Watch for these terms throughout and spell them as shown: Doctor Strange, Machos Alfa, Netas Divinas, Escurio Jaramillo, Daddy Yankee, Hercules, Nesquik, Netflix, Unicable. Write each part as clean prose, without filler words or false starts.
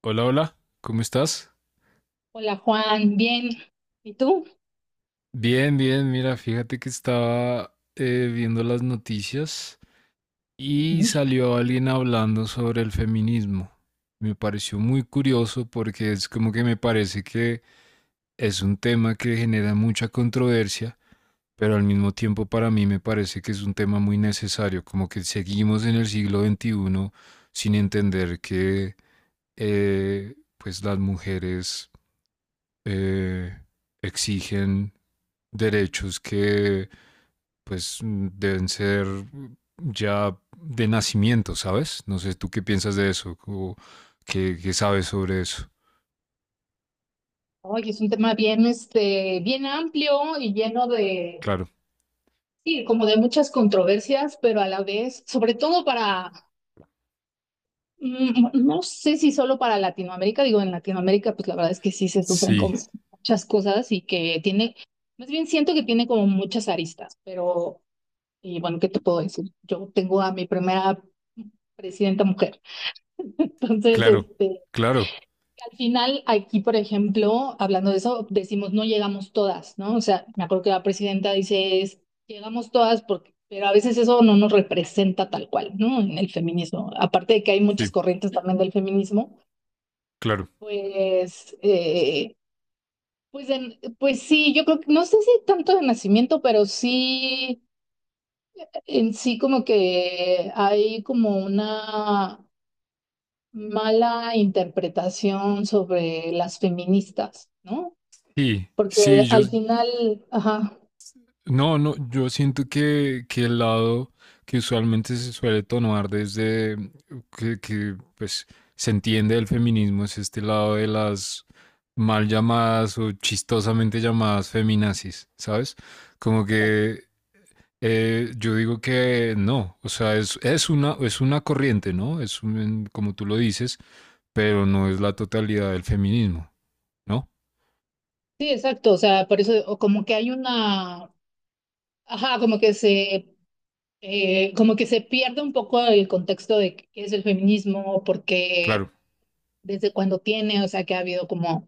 Hola, hola, ¿cómo estás? Hola Juan, bien. ¿Y tú? Bien, bien, mira, fíjate que estaba viendo las noticias y Ujú. salió alguien hablando sobre el feminismo. Me pareció muy curioso porque es como que me parece que es un tema que genera mucha controversia, pero al mismo tiempo para mí me parece que es un tema muy necesario, como que seguimos en el siglo XXI sin entender que pues las mujeres eh, exigen derechos que pues deben ser ya de nacimiento, ¿sabes? No sé, ¿tú qué piensas de eso? ¿O qué sabes sobre eso? Oye, es un tema bien, bien amplio y lleno de, Claro, sí, como de muchas controversias, pero a la vez, sobre todo para, no sé si solo para Latinoamérica, digo, en Latinoamérica, pues la verdad es que sí se sufren sí, como muchas cosas y que tiene, más bien siento que tiene como muchas aristas, pero, y bueno, ¿qué te puedo decir? Yo tengo a mi primera presidenta mujer, entonces, claro, claro, al final, aquí, por ejemplo, hablando de eso, decimos no llegamos todas, ¿no? O sea, me acuerdo que la presidenta dice es, llegamos todas porque, pero a veces eso no nos representa tal cual, ¿no? En el feminismo. Aparte de que hay muchas sí, corrientes también del feminismo, claro. pues, eh, pues sí, yo creo que, no sé si tanto de nacimiento, pero sí, en sí como que hay como una mala interpretación sobre las feministas, ¿no? Sí, sí, Porque al final, ajá, no, no, yo siento que el lado que usualmente se suele tomar desde pues se entiende del feminismo es este lado de las mal llamadas o chistosamente llamadas feminazis, ¿sabes? Como que yo digo que no, o sea, es una corriente, ¿no? Como tú lo dices, pero no es la totalidad del feminismo, ¿no? sí, exacto, o sea, por eso o como que hay una, ajá, como que se pierde un poco el contexto de qué es el feminismo, Claro, porque desde cuando tiene, o sea, que ha habido como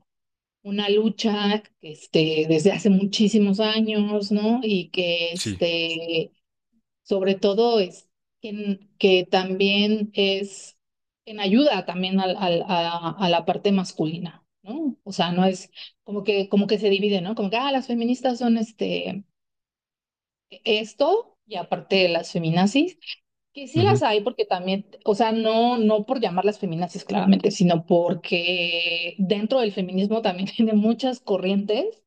una lucha, desde hace muchísimos años, ¿no? Y que, sí. Sobre todo es que también es en ayuda también a la parte masculina, ¿no? O sea, no es como que, se divide, ¿no? Como que, ah, las feministas son esto, y aparte las feminazis, que sí las Ujú. hay porque también, o sea, no, no por llamarlas feminazis claramente, sino porque dentro del feminismo también tiene muchas corrientes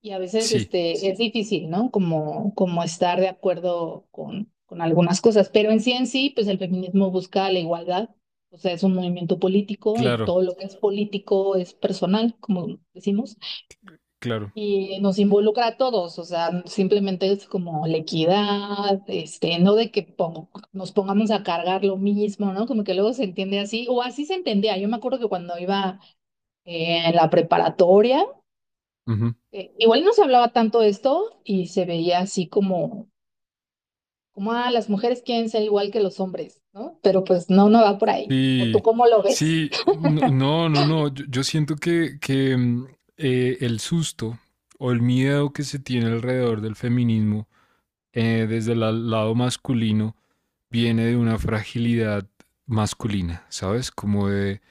y a veces Sí, sí, es difícil, ¿no? Como estar de acuerdo con algunas cosas, pero en sí, pues el feminismo busca la igualdad, o sea, es un movimiento político y claro, todo lo que es político es personal, como decimos, claro. y nos involucra a todos, o sea, simplemente es como la equidad, no de que nos pongamos a cargar lo mismo, ¿no? Como que luego se entiende así, o así se entendía, yo me acuerdo que cuando iba en la preparatoria, igual no se hablaba tanto de esto y se veía así como, ah, las mujeres quieren ser igual que los hombres, ¿no? Pero pues no, no va por ahí. ¿O tú Sí, cómo lo ves? sí, no, no, no, no. Yo siento que el susto o el miedo que se tiene alrededor del feminismo desde el lado masculino viene de una fragilidad masculina, ¿sabes? Como de,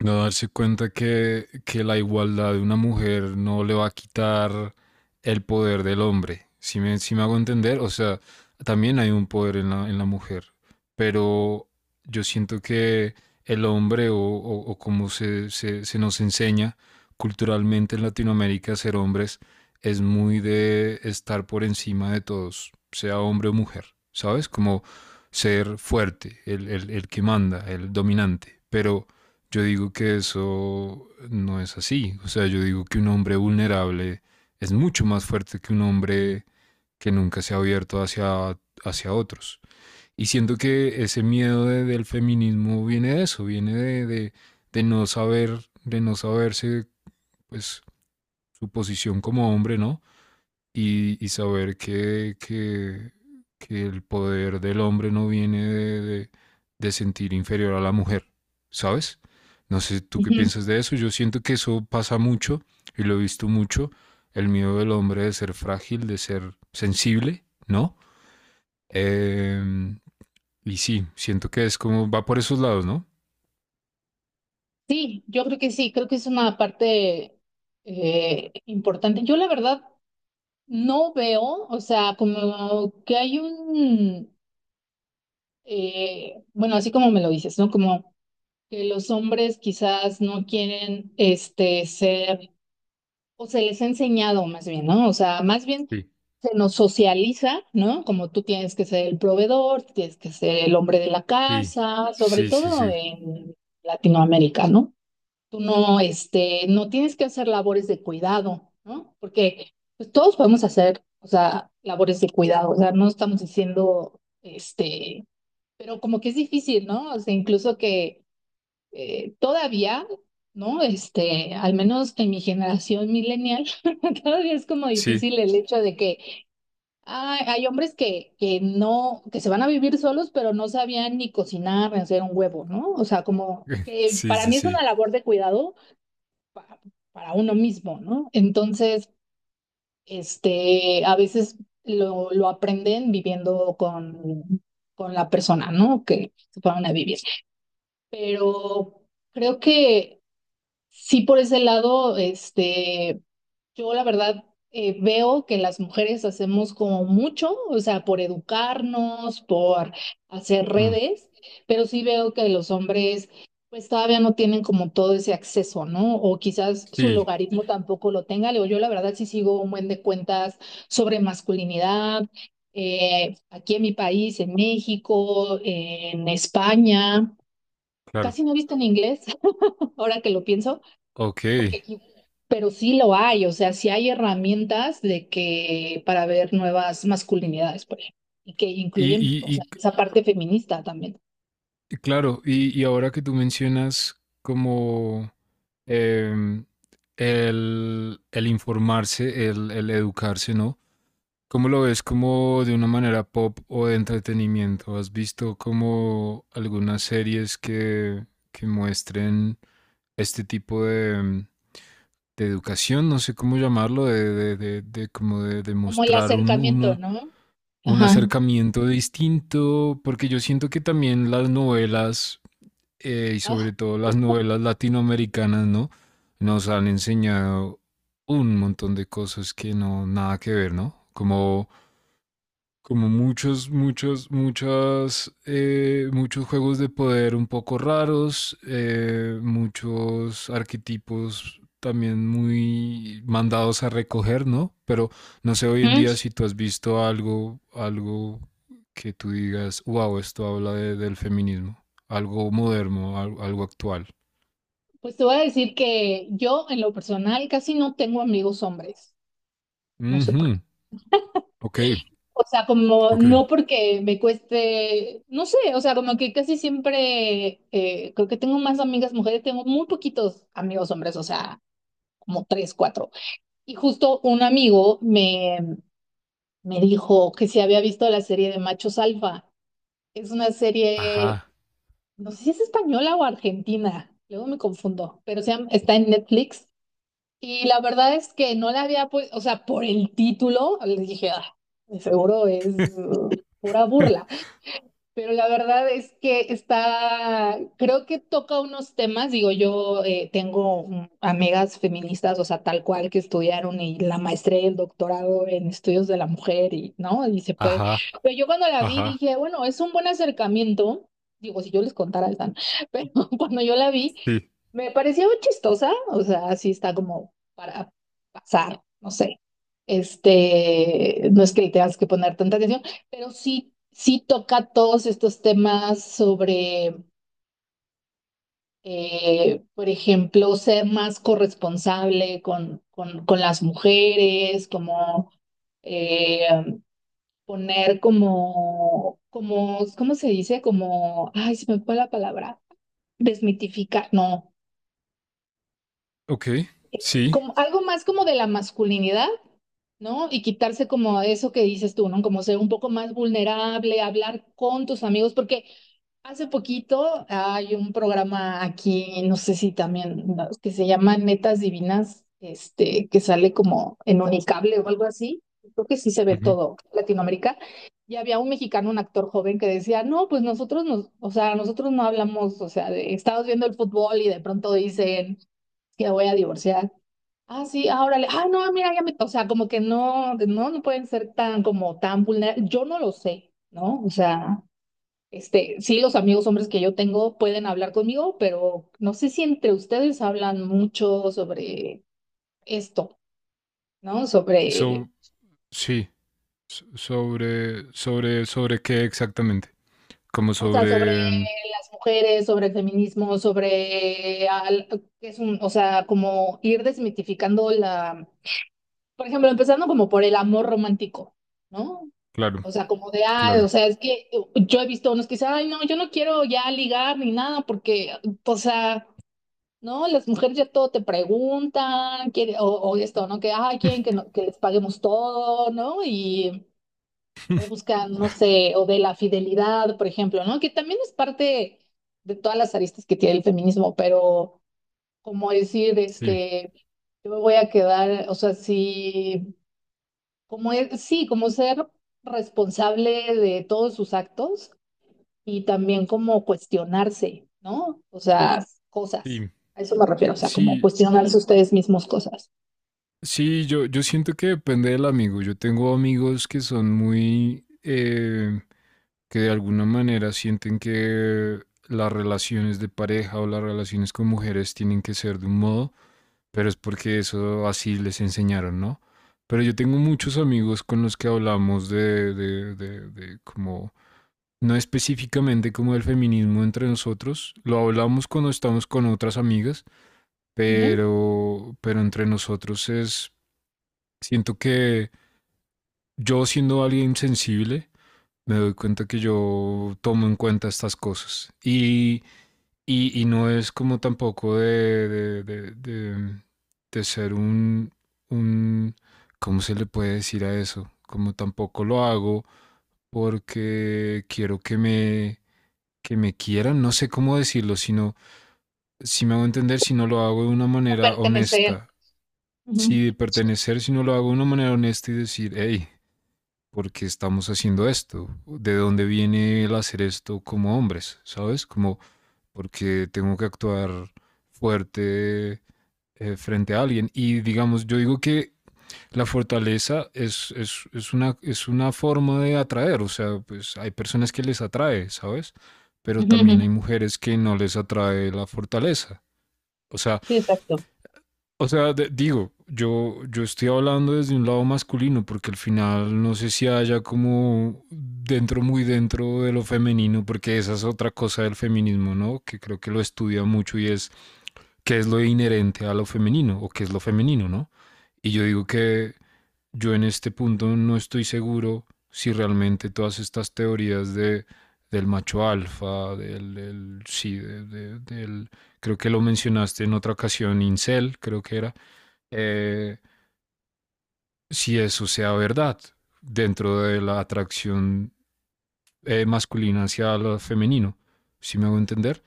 no darse cuenta que la igualdad de una mujer no le va a quitar el poder del hombre. Si me hago entender, o sea, también hay un poder en la mujer, pero yo siento que el hombre o, o como se nos enseña culturalmente en Latinoamérica ser hombres es muy de estar por encima de todos, sea hombre o mujer, ¿sabes? Como ser fuerte, el que manda, el dominante, pero yo digo que eso no es así. O sea, yo digo que un hombre vulnerable es mucho más fuerte que un hombre que nunca se ha abierto hacia, hacia otros. Y siento que ese miedo del feminismo viene de eso, viene de no saber, de no saberse pues su posición como hombre, ¿no? Y saber que el poder del hombre no viene de sentir inferior a la mujer, ¿sabes? No sé tú qué Ujú. piensas de eso. Yo siento que eso pasa mucho y lo he visto mucho. El miedo del hombre de ser frágil, de ser sensible, ¿no? Eh, y sí, siento que es como va por esos lados, ¿no? Sí, yo creo que sí, creo que es una parte importante. Yo la verdad no veo, o sea, como que hay un, bueno, así como me lo dices, ¿no? Como que los hombres quizás no quieren ser o se les ha enseñado más bien, ¿no? O sea, más bien Sí, se nos socializa, ¿no? Como tú tienes que ser el proveedor, tienes que ser el hombre de la sí, casa, sobre sí, sí, todo sí. en Latinoamérica, ¿no? Tú no, no tienes que hacer labores de cuidado, ¿no? Porque pues, todos podemos hacer, o sea, labores de cuidado, o sea, no estamos diciendo, pero como que es difícil, ¿no? O sea, incluso que todavía, ¿no? Al menos en mi generación millennial, todavía es como Sí, difícil el hecho de que ah, hay hombres que no, que se van a vivir solos, pero no sabían ni cocinar, ni hacer un huevo, ¿no? O sea, como que sí, para sí, mí es una sí. labor de cuidado pa- para uno mismo, ¿no? Entonces, a veces lo aprenden viviendo con la persona, ¿no? Que se van a vivir. Pero creo que sí, por ese lado, yo la verdad veo que las mujeres hacemos como mucho, o sea, por educarnos, por hacer Mm, redes, pero sí veo que los hombres pues todavía no tienen como todo ese acceso, ¿no? O quizás su sí, logaritmo tampoco lo tenga. Luego yo la verdad sí sigo un buen de cuentas sobre masculinidad, aquí en mi país, en México, en España. claro. Casi no he visto en inglés, ahora que lo pienso. Ok. porque aquí- Pero sí lo hay, o sea, sí hay herramientas de que para ver nuevas masculinidades, por ejemplo, y que incluyen, o y, sea, y esa parte feminista también, Claro, y ahora que tú mencionas como em, el informarse, el educarse, ¿no? ¿Cómo lo ves como de una manera pop o de entretenimiento? ¿Has visto como algunas series que muestren este tipo de educación? No sé cómo llamarlo, de como de como el mostrar acercamiento, ¿no? un Ajá. acercamiento distinto, porque yo siento que también las novelas y Ah, sobre todo las novelas latinoamericanas, ¿no? Nos han enseñado un montón de cosas que no, nada que ver, ¿no? Como muchos juegos de poder un poco raros, muchos arquetipos también muy mandados a recoger, ¿no? Pero no sé hoy en día ujú. si tú has visto algo que tú digas, wow, esto habla del feminismo, algo moderno, algo actual. Pues te voy a decir que yo en lo personal casi no tengo amigos hombres, no sé por Ujú. qué. Ok, O sea, como ok. no porque me cueste, no sé, o sea, como que casi siempre creo que tengo más amigas mujeres, tengo muy poquitos amigos hombres, o sea, como tres, cuatro. Y justo un amigo me dijo que si había visto la serie de Machos Alfa. Es una serie, Ajá, no sé si es española o argentina, luego me confundo, pero está en Netflix. Y la verdad es que no la había, pues, o sea, por el título, les dije, ah, de seguro es uh, pura burla. Pero la verdad es que está, creo que toca unos temas, digo, yo tengo amigas feministas, o sea, tal cual que estudiaron y la maestría y el doctorado en estudios de la mujer y, ¿no? Y se puede. ajá, Pero yo cuando la vi ajá. dije, bueno, es un buen acercamiento, digo, si yo les contara, están, pero cuando yo la vi, Sí. me pareció chistosa, o sea, así está como para pasar, no sé. No es que le tengas que poner tanta atención. Pero sí, sí toca todos estos temas sobre, por ejemplo, ser más corresponsable con las mujeres, como eh, poner como, ¿cómo se dice? Como, ay, se me fue la palabra, desmitificar, no. Ok, sí. Como algo más como de la masculinidad, ¿no? Y quitarse como eso que dices tú, ¿no? Como ser un poco más vulnerable, hablar con tus amigos, porque hace poquito hay un programa aquí, no sé si también, ¿no? Que se llama Netas Divinas, que sale como en Unicable o algo así. Creo que sí se ve Ujú. todo Latinoamérica. Y había un mexicano, un actor joven, que decía, no, pues nosotros o sea, nosotros no hablamos, o sea, estamos viendo el fútbol y de pronto dicen que voy a divorciar. Ah, sí, ahora le, ah, no, mira, ya me, o sea, como que no, no, no pueden ser tan, como tan vulnerables, yo no lo sé, ¿no? O sea, sí, los amigos hombres que yo tengo pueden hablar conmigo, pero no sé si entre ustedes hablan mucho sobre esto, ¿no? Sobre, So, sí. Sobre qué exactamente. Como o sea, sobre sobre, las mujeres, sobre el feminismo, sobre, es un, o sea, como ir desmitificando la, por ejemplo, empezando como por el amor romántico, ¿no? claro, O sea, como de, ah, o claro. sea, es que yo he visto unos que dicen, ay, no, yo no quiero ya ligar ni nada, porque, o sea, no, las mujeres ya todo te preguntan, quiere, o esto, ¿no? Que, ay, quieren que, que les paguemos todo, ¿no? Y, o buscan, no sé, o de la fidelidad, por ejemplo, ¿no? Que también es parte de todas las aristas que tiene el feminismo, pero como decir, Sí, yo me voy a quedar, o sea, sí, como, sí, como ser responsable de todos sus actos y también como cuestionarse, ¿no? O sea, cosas. sí. A eso me refiero, o sea, como Sí, cuestionarse ustedes mismos cosas. sí, yo siento que depende del amigo. Yo tengo amigos que son muy, que de alguna manera sienten que las relaciones de pareja o las relaciones con mujeres tienen que ser de un modo, pero es porque eso así les enseñaron, ¿no? Pero yo tengo muchos amigos con los que hablamos de como no específicamente como el feminismo entre nosotros, lo hablamos cuando estamos con otras amigas, Ujú. Pero entre nosotros es, siento que yo siendo alguien sensible, me doy cuenta que yo tomo en cuenta estas cosas y no es como tampoco de ser un, ¿cómo se le puede decir a eso? Como tampoco lo hago porque quiero que me quieran, no sé cómo decirlo, sino si me hago entender, si no lo hago de una Como manera pertenecer. honesta, Ujú. si de pertenecer, si no lo hago de una manera honesta y decir, hey, ¿por qué estamos haciendo esto? ¿De dónde viene el hacer esto como hombres? ¿Sabes? Como porque tengo que actuar fuerte frente a alguien. Y digamos, yo digo que la fortaleza es una forma de atraer, o sea, pues hay personas que les atrae, ¿sabes? Pero Ujú, ujú. también hay mujeres que no les atrae la fortaleza. O sea, Sí, exacto. Digo, yo estoy hablando desde un lado masculino, porque al final no sé si haya como dentro, muy dentro de lo femenino, porque esa es otra cosa del feminismo, ¿no? Que creo que lo estudia mucho y es qué es lo inherente a lo femenino o qué es lo femenino, ¿no? Y yo digo que yo en este punto no estoy seguro si realmente todas estas teorías del macho alfa, sí, creo que lo mencionaste en otra ocasión, incel, creo que era, eh, si eso sea verdad dentro de la atracción masculina hacia lo femenino, ¿si me hago entender?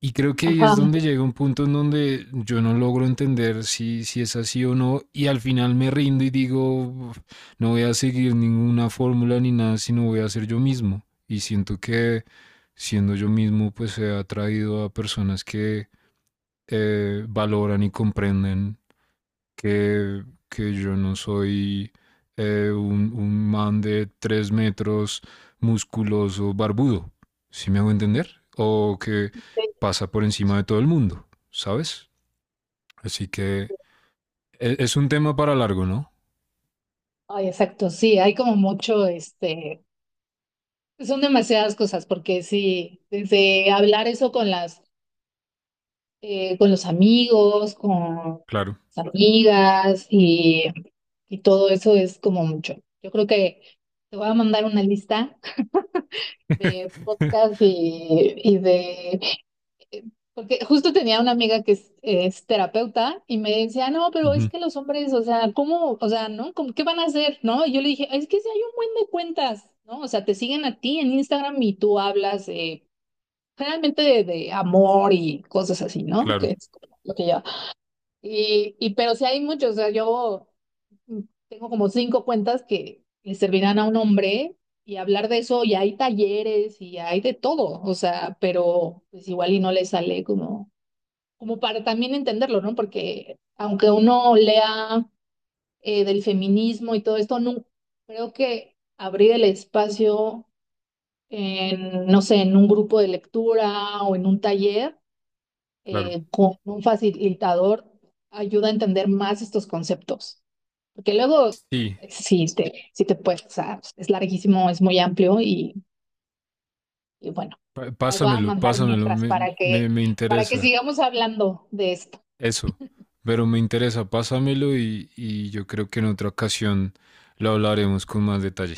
Y creo que ahí es Ajá. donde llega un punto en donde yo no logro entender si es así o no, y al final me rindo y digo, no voy a seguir ninguna fórmula ni nada, sino voy a ser yo mismo. Y siento que siendo yo mismo, pues he atraído a personas que valoran y comprenden que yo no soy un man de 3 metros, musculoso, barbudo, ¿sí me hago entender? O que Sí. pasa por encima de todo el mundo, ¿sabes? Así que es un tema para largo, ¿no? Ay, exacto, sí, hay como mucho, son demasiadas cosas, porque sí, desde hablar eso con las, con los amigos, con Claro. las amigas y todo eso es como mucho. Yo creo que te voy a mandar una lista de podcast y de. Porque justo tenía una amiga que es terapeuta y me decía, no, pero es Ujú. que los hombres, o sea, ¿cómo, o sea, no? ¿Qué van a hacer? ¿No? Y yo le dije, es que si hay un buen de cuentas, ¿no? O sea, te siguen a ti en Instagram y tú hablas generalmente de amor y cosas así, ¿no? Que Claro, es como lo que yo. Y pero sí hay muchos, o sea, yo Mm, tengo como cinco cuentas que le servirán a un hombre y hablar de eso, y hay talleres y hay de todo, o sea, pero pues igual y no le sale como para también entenderlo, ¿no? Porque aunque uno lea del feminismo y todo esto, no, creo que abrir el espacio en, no sé, en un grupo de lectura o en un taller claro. Con un facilitador ayuda a entender más estos conceptos. Porque luego, Sí, sí te puedes, o sea, es larguísimo, es muy amplio y bueno, te las voy a pásamelo, mandar pásamelo, mientras me, para me- que, me para que interesa sigamos hablando de esto. eso, pero me interesa, pásamelo y yo creo que en otra ocasión lo hablaremos con más detalle.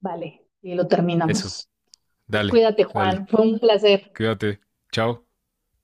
Vale, y lo Eso. terminamos. Pues Dale, cuídate, dale. Juan, fue un placer. Cuídate. Chao.